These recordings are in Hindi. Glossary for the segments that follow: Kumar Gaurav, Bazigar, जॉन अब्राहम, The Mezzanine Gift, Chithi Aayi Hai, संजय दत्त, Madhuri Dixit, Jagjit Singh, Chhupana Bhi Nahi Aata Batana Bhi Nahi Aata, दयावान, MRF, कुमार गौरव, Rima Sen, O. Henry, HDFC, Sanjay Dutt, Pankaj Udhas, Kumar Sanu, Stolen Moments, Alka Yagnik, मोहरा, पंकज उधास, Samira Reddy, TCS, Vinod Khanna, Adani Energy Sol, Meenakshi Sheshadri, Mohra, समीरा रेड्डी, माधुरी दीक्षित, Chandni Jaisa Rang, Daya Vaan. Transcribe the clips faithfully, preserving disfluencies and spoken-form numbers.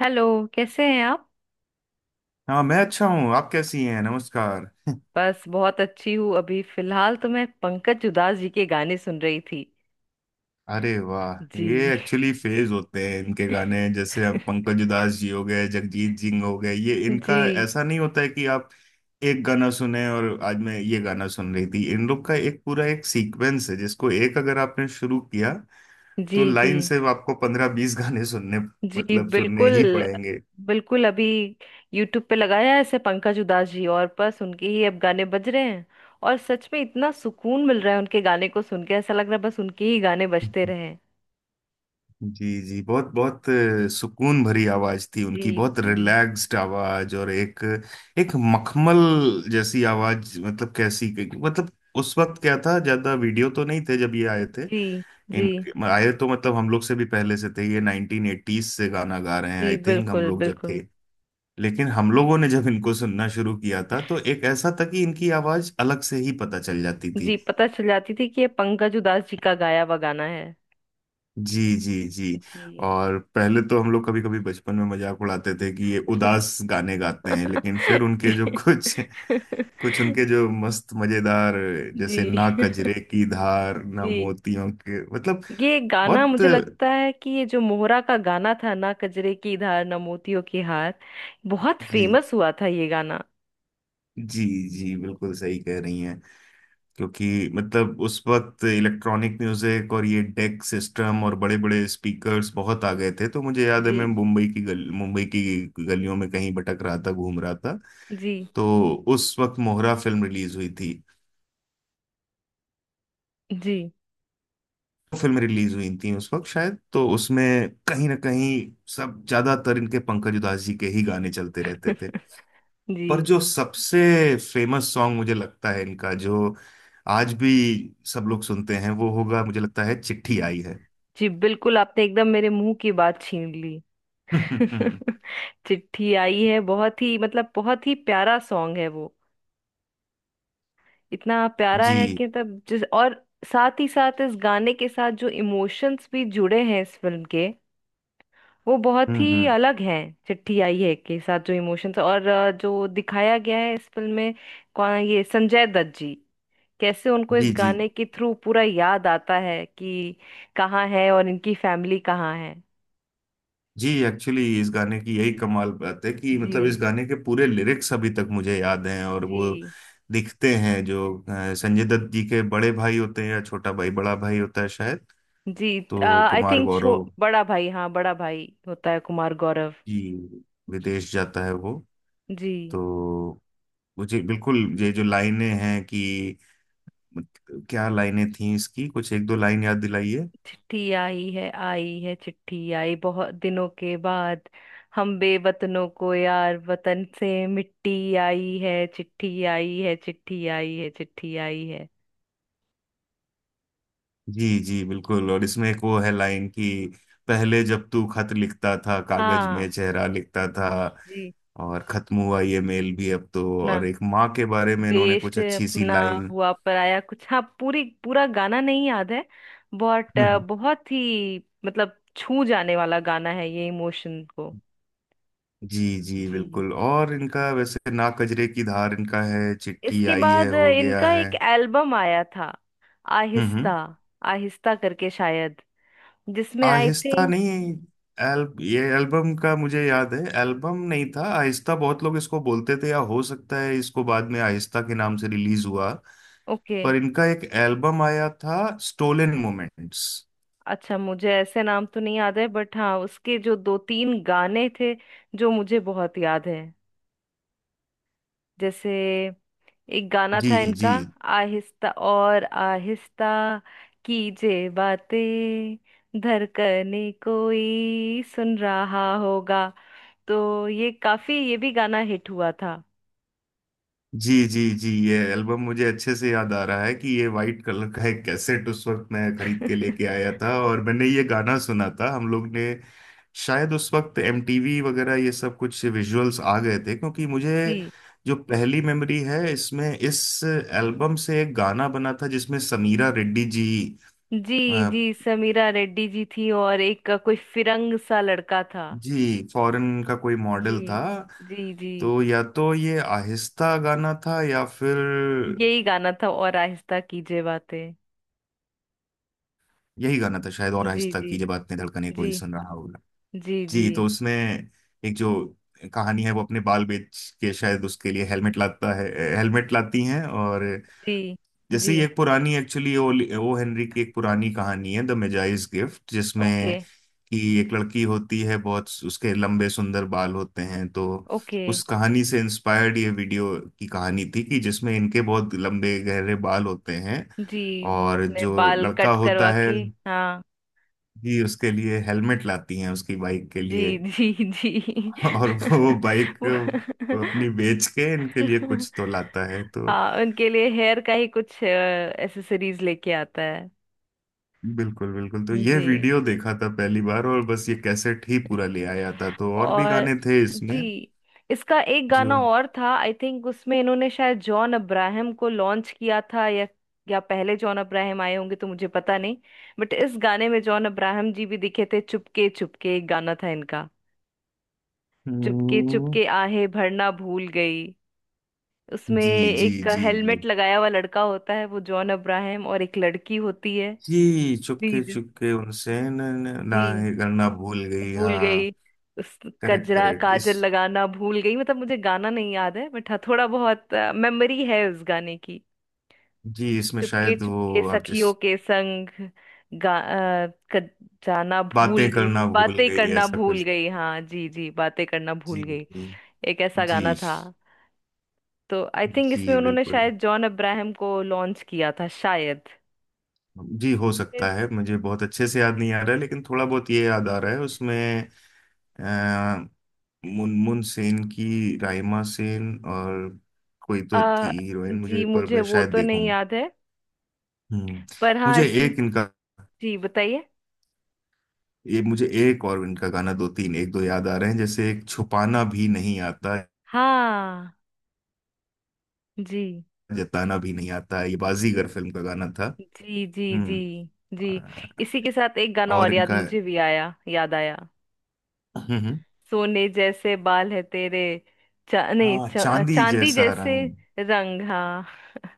हेलो। कैसे हैं आप। हाँ, मैं अच्छा हूँ। आप कैसी हैं? नमस्कार। बस बहुत अच्छी हूँ। अभी फिलहाल तो मैं पंकज उधास जी के गाने सुन रही थी। अरे वाह, ये जी। एक्चुअली फेज होते हैं इनके गाने। जैसे अब पंकज उधास जी हो गए, जगजीत सिंह हो गए, ये इनका जी। ऐसा नहीं होता है कि आप एक गाना सुने। और आज मैं ये गाना सुन रही थी। इन लोग का एक पूरा एक सीक्वेंस है जिसको एक अगर आपने शुरू किया जी। तो जी। लाइन से आपको पंद्रह बीस गाने सुनने, जी मतलब सुनने ही बिल्कुल। पड़ेंगे। बिल्कुल अभी यूट्यूब पे लगाया है ऐसे पंकज उधास जी और बस उनके ही अब गाने बज रहे हैं। और सच में इतना सुकून मिल रहा है उनके गाने को सुन के ऐसा लग रहा है बस उनके ही गाने बजते रहें। जी, जी। बहुत बहुत अ, सुकून भरी आवाज थी जी। उनकी। बहुत जी। रिलैक्स्ड आवाज, और एक एक मखमल जैसी आवाज, मतलब कैसी? मतलब उस वक्त क्या था, ज्यादा वीडियो तो नहीं थे जब ये आए थे। जी। जी। इन आए तो मतलब हम लोग से भी पहले से थे ये। नाइनटीन एटीज से गाना गा रहे हैं, जी आई थिंक हम बिल्कुल। लोग जब थे। बिल्कुल। लेकिन हम लोगों ने जब इनको सुनना शुरू किया था तो एक ऐसा था कि इनकी आवाज अलग से ही पता चल जाती थी। जी पता चल जाती थी कि ये पंकज उधास जी का गाया हुआ गाना है। जी, जी, जी। जी। और पहले तो हम लोग कभी कभी बचपन में मजाक उड़ाते थे कि ये उदास गाने गाते हैं। लेकिन फिर उनके जो जी कुछ कुछ उनके जो मस्त मजेदार, जैसे जी। ना कजरे की धार ना जी मोतियों के, मतलब ये गाना मुझे बहुत। लगता है कि ये जो मोहरा का गाना था, ना कजरे की धार ना मोतियों की हार, बहुत जी, फेमस हुआ था ये गाना। जी, जी, बिल्कुल सही कह रही हैं। क्योंकि मतलब उस वक्त इलेक्ट्रॉनिक म्यूजिक और ये डेक सिस्टम और बड़े बड़े स्पीकर्स बहुत आ गए थे। तो मुझे याद है, जी। मैं मुंबई की गल मुंबई की गलियों में कहीं भटक रहा था, घूम रहा था। जी। तो उस वक्त मोहरा फिल्म रिलीज हुई थी जी। फिल्म रिलीज हुई थी उस वक्त शायद। तो उसमें कहीं ना कहीं सब ज्यादातर इनके पंकज उधास जी के ही गाने चलते रहते थे। पर जी। जो सबसे फेमस सॉन्ग मुझे लगता है इनका, जो आज भी सब लोग सुनते हैं, वो होगा मुझे लगता है चिट्ठी आई है। जी बिल्कुल, आपने एकदम मेरे मुंह की बात छीन ली। हम्म। चिट्ठी आई है बहुत ही मतलब बहुत ही प्यारा सॉन्ग है वो। इतना प्यारा है जी। कि तब जिस और साथ ही साथ इस गाने के साथ जो इमोशंस भी जुड़े हैं इस फिल्म के, वो बहुत हम्म, ही हम्म। अलग हैं। चिट्ठी आई है के साथ जो इमोशंस और अ, जो दिखाया गया है इस फिल्म में, कौन ये संजय दत्त जी, कैसे उनको इस जी, जी, गाने के थ्रू पूरा याद आता है कि कहाँ है और इनकी फैमिली कहाँ है। जी। एक्चुअली इस गाने की यही कमाल बात है कि जी। मतलब इस गाने के पूरे लिरिक्स अभी तक मुझे याद हैं। और वो जी। दिखते हैं जो अ, संजय दत्त जी के बड़े भाई होते हैं, या छोटा भाई, बड़ा भाई होता है शायद। जी। तो आई कुमार थिंक गौरव बड़ा भाई, हाँ बड़ा भाई होता है कुमार गौरव। जी विदेश जाता है वो। जी। तो मुझे बिल्कुल ये जो लाइनें हैं कि, मतलब क्या लाइनें थी इसकी, कुछ एक दो लाइन याद दिलाइए। चिट्ठी आई है, आई है चिट्ठी आई बहुत दिनों के बाद, हम बेवतनों को यार वतन से मिट्टी आई है, चिट्ठी आई है, चिट्ठी आई है, चिट्ठी आई है। जी, जी, बिल्कुल। और इसमें एक वो है लाइन कि पहले जब तू खत लिखता था कागज में हाँ। चेहरा लिखता था। जी। और खत्म हुआ ये मेल भी अब तो। ना और एक माँ के बारे में इन्होंने देश कुछ अच्छी सी अपना लाइन। हुआ पराया कुछ, हाँ पूरी पूरा गाना नहीं याद है बट बहुत ही मतलब छू जाने वाला गाना है ये इमोशन को। जी, जी, जी। बिल्कुल। और इनका वैसे ना कजरे की धार इनका है, चिट्ठी इसके आई है बाद हो गया इनका है। एक एल्बम आया था, हम्म, हम्म। आहिस्ता आहिस्ता करके शायद, जिसमें आई आहिस्ता थिंक। नहीं। एल, ये एल्बम का मुझे याद है, एल्बम नहीं था आहिस्ता। बहुत लोग इसको बोलते थे, या हो सकता है इसको बाद में आहिस्ता के नाम से रिलीज हुआ। ओके। पर इनका एक एल्बम आया था, स्टोलन मोमेंट्स। अच्छा मुझे ऐसे नाम तो नहीं याद है बट हाँ उसके जो दो तीन गाने थे जो मुझे बहुत याद है। जैसे एक गाना जी, था इनका, जी, आहिस्ता और आहिस्ता कीजे बातें, धड़कने कोई सुन रहा होगा। तो ये काफी, ये भी गाना हिट हुआ था। जी, जी, जी। ये एल्बम मुझे अच्छे से याद आ रहा है कि ये वाइट कलर का एक कैसेट उस वक्त मैं खरीद के लेके आया था, और मैंने ये गाना सुना था हम लोग ने। शायद उस वक्त एमटीवी वगैरह ये सब कुछ विजुअल्स आ गए थे, क्योंकि मुझे जी। जो पहली मेमोरी है इसमें इस एल्बम से, एक गाना बना था जिसमें समीरा रेड्डी जी, जी। अ, जी समीरा रेड्डी जी थी और एक अ, कोई फिरंग सा लड़का था। जी फॉरेन का कोई जी। मॉडल था। जी। जी। तो या तो ये आहिस्ता गाना था या फिर यही गाना था और आहिस्ता कीजिए बातें। यही गाना था शायद। और जी। आहिस्ता जी। कीजिए बात ने, धड़कने जी। कोई सुन रहा होगा। जी। जी। जी, तो उसमें एक जो कहानी है, वो अपने बाल बेच के शायद उसके लिए हेलमेट लाता है हेलमेट लाती हैं। और जी। जैसे जी। ये एक पुरानी एक्चुअली, ओ, ओ हेनरी की एक पुरानी कहानी है, द मेजाइज गिफ्ट, ओके। जिसमें कि एक लड़की होती है, बहुत उसके लंबे सुंदर बाल होते हैं। तो ओके। उस कहानी से इंस्पायर्ड ये वीडियो की कहानी थी कि जिसमें इनके बहुत लंबे गहरे बाल होते हैं। जी वो और अपने जो बाल लड़का कट होता करवा है के, हाँ। ही, उसके लिए हेलमेट लाती हैं उसकी बाइक के लिए। जी। जी। जी। और वो बाइक वो अपनी बेच के इनके लिए कुछ तो लाता है तो। हाँ उनके लिए हेयर का ही कुछ एसेसरीज लेके आता है। बिल्कुल, बिल्कुल। तो ये जी। वीडियो देखा था पहली बार, और बस ये कैसेट ही पूरा ले आया था। तो और भी और गाने थे इसमें। जी। इसका एक जो गाना और था, आई थिंक उसमें इन्होंने शायद जॉन अब्राहम को लॉन्च किया था, या या पहले जॉन अब्राहम आए होंगे तो मुझे पता नहीं। बट इस गाने में जॉन अब्राहम जी भी दिखे थे, चुपके चुपके एक गाना था इनका। चुपके हम्म, चुपके आहें भरना भूल गई। उसमें जी, जी, एक जी, हेलमेट जी, लगाया हुआ लड़का होता है वो जॉन अब्राहम और एक लड़की होती है। जी। चुपके जी। चुपके उनसे न, न, ना जी ये करना भूल गई, भूल हाँ। गई। उस करेक्ट, कजरा करेक्ट। इस काजल लगाना भूल गई, मतलब मुझे गाना नहीं याद है बट हाँ थोड़ा बहुत मेमोरी है उस गाने की। जी, इसमें चुपके शायद चुपके वो आप जिस, सखियों के संग गा, अ, क- जाना भूल बातें करना गई, भूल बातें गई करना ऐसा भूल कुछ। गई, हाँ। जी। जी। बातें करना भूल जी, गई, जी, एक ऐसा जी, गाना था। तो आई थिंक जी, इसमें उन्होंने बिल्कुल। शायद जॉन अब्राहम को लॉन्च किया था शायद। जी, हो फिर, सकता है मुझे बहुत अच्छे से याद नहीं आ रहा है, लेकिन थोड़ा बहुत ये याद आ रहा है उसमें। अ, मुनमुन सेन की, राइमा सेन और कोई तो थी अ, हीरोइन जी मुझे, पर मुझे मैं वो शायद तो देखूं। नहीं याद है हम्म। पर हाँ मुझे इसमें। एक इनका जी बताइए। ये मुझे एक और इनका गाना दो तीन एक दो याद आ रहे हैं, जैसे एक छुपाना भी नहीं आता हाँ। जी। जताना भी नहीं आता, ये बाजीगर फिल्म का गाना था। जी। जी। जी। हम्म। जी। अ, इसी के साथ एक गाना और और याद इनका। मुझे भी आया, याद आया, हम्म, हम्म। सोने जैसे बाल है तेरे, चा, नहीं हाँ, चा, चांदी चांदी जैसा जैसे रंग। रंग, हाँ।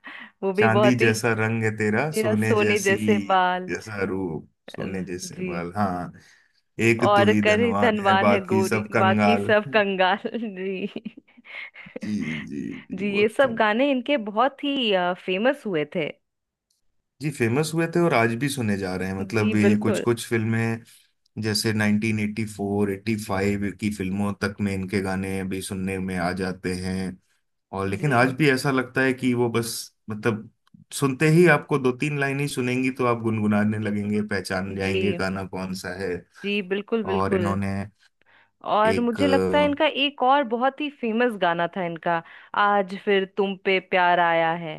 वो भी चांदी बहुत ही जैसा रंग है तेरा, तेरा सोने सोने जैसी जैसे बाल, जैसा रूप, सोने अ, जैसे जी। माल, हाँ। एक तू और ही करे धनवान है धनवान है बाकी गोरी सब बाकी कंगाल। सब कंगाल। जी। जी, जी, जी, जी ये बहुत। सब गाने इनके बहुत ही फेमस हुए थे। जी, फेमस हुए थे और आज भी सुने जा रहे हैं, जी मतलब ये कुछ बिल्कुल। कुछ फिल्में जैसे nineteen eighty four eighty five की फिल्मों तक में इनके गाने अभी सुनने में आ जाते हैं। और लेकिन जी। आज भी ऐसा लगता है कि वो बस मतलब सुनते ही आपको दो तीन लाइन ही सुनेंगी तो आप गुनगुनाने लगेंगे, पहचान जाएंगे जी। गाना कौन सा है। जी बिल्कुल। और बिल्कुल। इन्होंने और एक मुझे अ, लगता है इनका एक और बहुत ही फेमस गाना था इनका, आज फिर तुम पे प्यार आया है।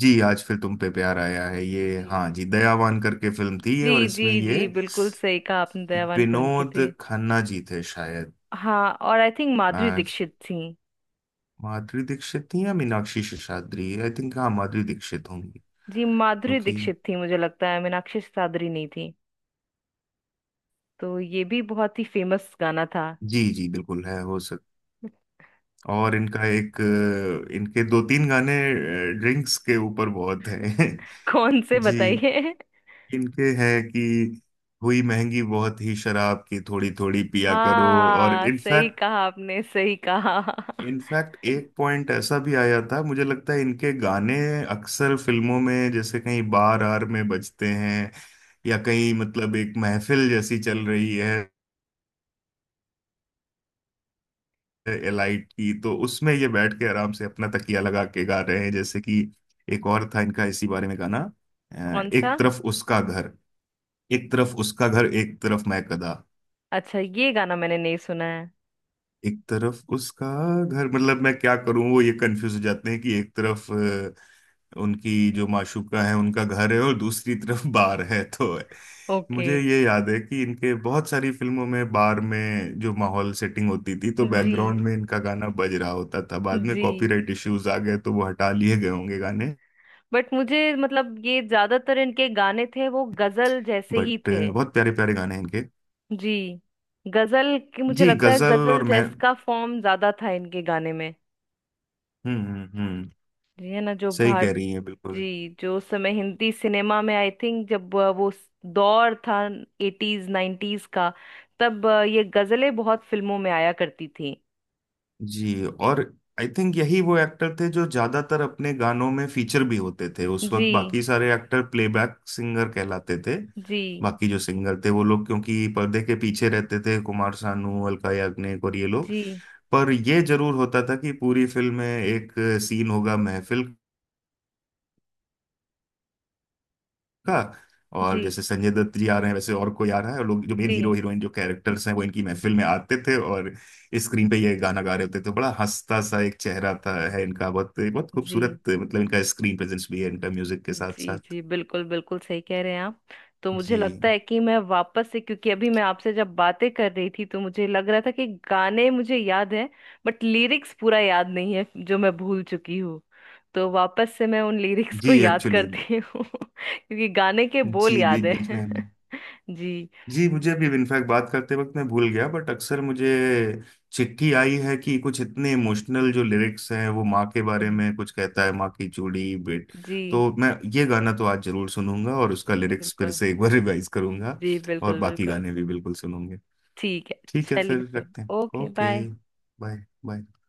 जी, आज फिर तुम पे प्यार आया है ये, जी। हाँ जी, दयावान करके फिल्म थी ये, जी। और जी। इसमें ये जी बिल्कुल सही कहा आपने, दयावान फिल्म के विनोद थे। खन्ना जी थे शायद। हाँ और आई थिंक माधुरी आज दीक्षित थी। माधुरी दीक्षित थी या मीनाक्षी शेषाद्री, आई थिंक हाँ माधुरी दीक्षित होंगी, जी माधुरी क्योंकि दीक्षित थी, मुझे लगता है मीनाक्षी सादरी नहीं थी। तो ये भी बहुत ही फेमस गाना था। जी, जी, बिल्कुल है हो सक और इनका एक अ, इनके दो तीन गाने ड्रिंक्स के ऊपर बहुत हैं। कौन से जी, बताइए। इनके हैं कि हुई महंगी बहुत ही शराब की, थोड़ी थोड़ी पिया करो। और हाँ सही इनफैक्ट, कहा आपने, सही कहा। इनफैक्ट एक पॉइंट ऐसा भी आया था, मुझे लगता है इनके गाने अक्सर फिल्मों में, जैसे कहीं बार आर में बजते हैं, या कहीं मतलब एक महफिल जैसी चल रही है एलाइट की, तो उसमें ये बैठ के आराम से अपना तकिया लगा के गा रहे हैं। जैसे कि एक और था इनका इसी बारे में गाना, अ, कौन सा। एक तरफ उसका घर, एक तरफ उसका घर एक तरफ मैं कदा अच्छा ये गाना मैंने नहीं सुना है। एक तरफ उसका घर, मतलब मैं क्या करूं। वो ये कंफ्यूज हो जाते हैं कि एक तरफ अ, उनकी जो माशूका है उनका घर है, और दूसरी तरफ बार है तो। ओके। मुझे ये याद है कि इनके बहुत सारी फिल्मों में बार में जो माहौल सेटिंग होती थी तो जी। बैकग्राउंड में इनका गाना बज रहा होता था। बाद में जी। कॉपीराइट इश्यूज आ गए तो वो हटा लिए गए होंगे गाने। बट मुझे मतलब ये ज्यादातर इनके गाने थे वो गजल जैसे ही बट थे। बहुत प्यारे प्यारे गाने हैं इनके। जी गजल की मुझे जी, लगता है गजल गजल और मैं। जैस का फॉर्म ज्यादा था इनके गाने में। हम्म, हम्म, हम्म। जी है ना। जो सही कह भारत रही हैं बिल्कुल। जी जो उस समय हिंदी सिनेमा में आई थिंक जब अ, वो स- दौर था, एटीज नाइन्टीज का। तब अ, ये गजलें बहुत फिल्मों में आया करती थी। जी। और आई थिंक यही वो एक्टर थे जो ज्यादातर अपने गानों में फीचर भी होते थे। उस जी। वक्त बाकी सारे एक्टर प्लेबैक सिंगर कहलाते थे। जी। बाकी जो सिंगर थे वो लोग, क्योंकि पर्दे के पीछे रहते थे, कुमार सानू, अलका याग्निक और ये लोग। जी। पर ये जरूर होता था कि पूरी फिल्म में एक सीन होगा महफिल का, और जी। जैसे संजय दत्त जी आ रहे हैं वैसे और कोई आ रहा है, और लोग जो मेन जी। हीरो हीरोइन जो कैरेक्टर्स हैं वो इनकी महफिल में आते थे, और स्क्रीन पे ये गाना गा रहे होते थे। बड़ा हंसता सा एक चेहरा था है इनका, बहुत बहुत जी। खूबसूरत, मतलब इनका स्क्रीन प्रेजेंस भी है इनका म्यूजिक के साथ जी। साथ। जी बिल्कुल। बिल्कुल सही कह रहे हैं आप। तो मुझे जी, लगता है कि मैं वापस से, क्योंकि अभी मैं आपसे जब बातें कर रही थी तो मुझे लग रहा था कि गाने मुझे याद हैं बट लिरिक्स पूरा याद नहीं है जो मैं भूल चुकी हूँ। तो वापस से मैं उन लिरिक्स को जी, याद एक्चुअली। करती हूँ क्योंकि गाने के बोल जी, याद बीच बीच हैं। में हमें। जी। जी, मुझे अभी इनफैक्ट बात करते वक्त मैं भूल गया, बट अक्सर मुझे चिट्ठी आई है कि कुछ इतने इमोशनल जो लिरिक्स हैं वो माँ के जी। बारे जी में कुछ कहता है, माँ की चूड़ी। बेट जी, तो मैं ये गाना तो आज जरूर सुनूंगा, और उसका लिरिक्स फिर बिल्कुल। से एक बार रिवाइज करूंगा। जी और बिल्कुल बाकी बिल्कुल। गाने भी बिल्कुल सुनूंगे। ठीक है। ठीक है, चलिए फिर फिर। रखते हैं। Okay okay, bye. Bye. Bye.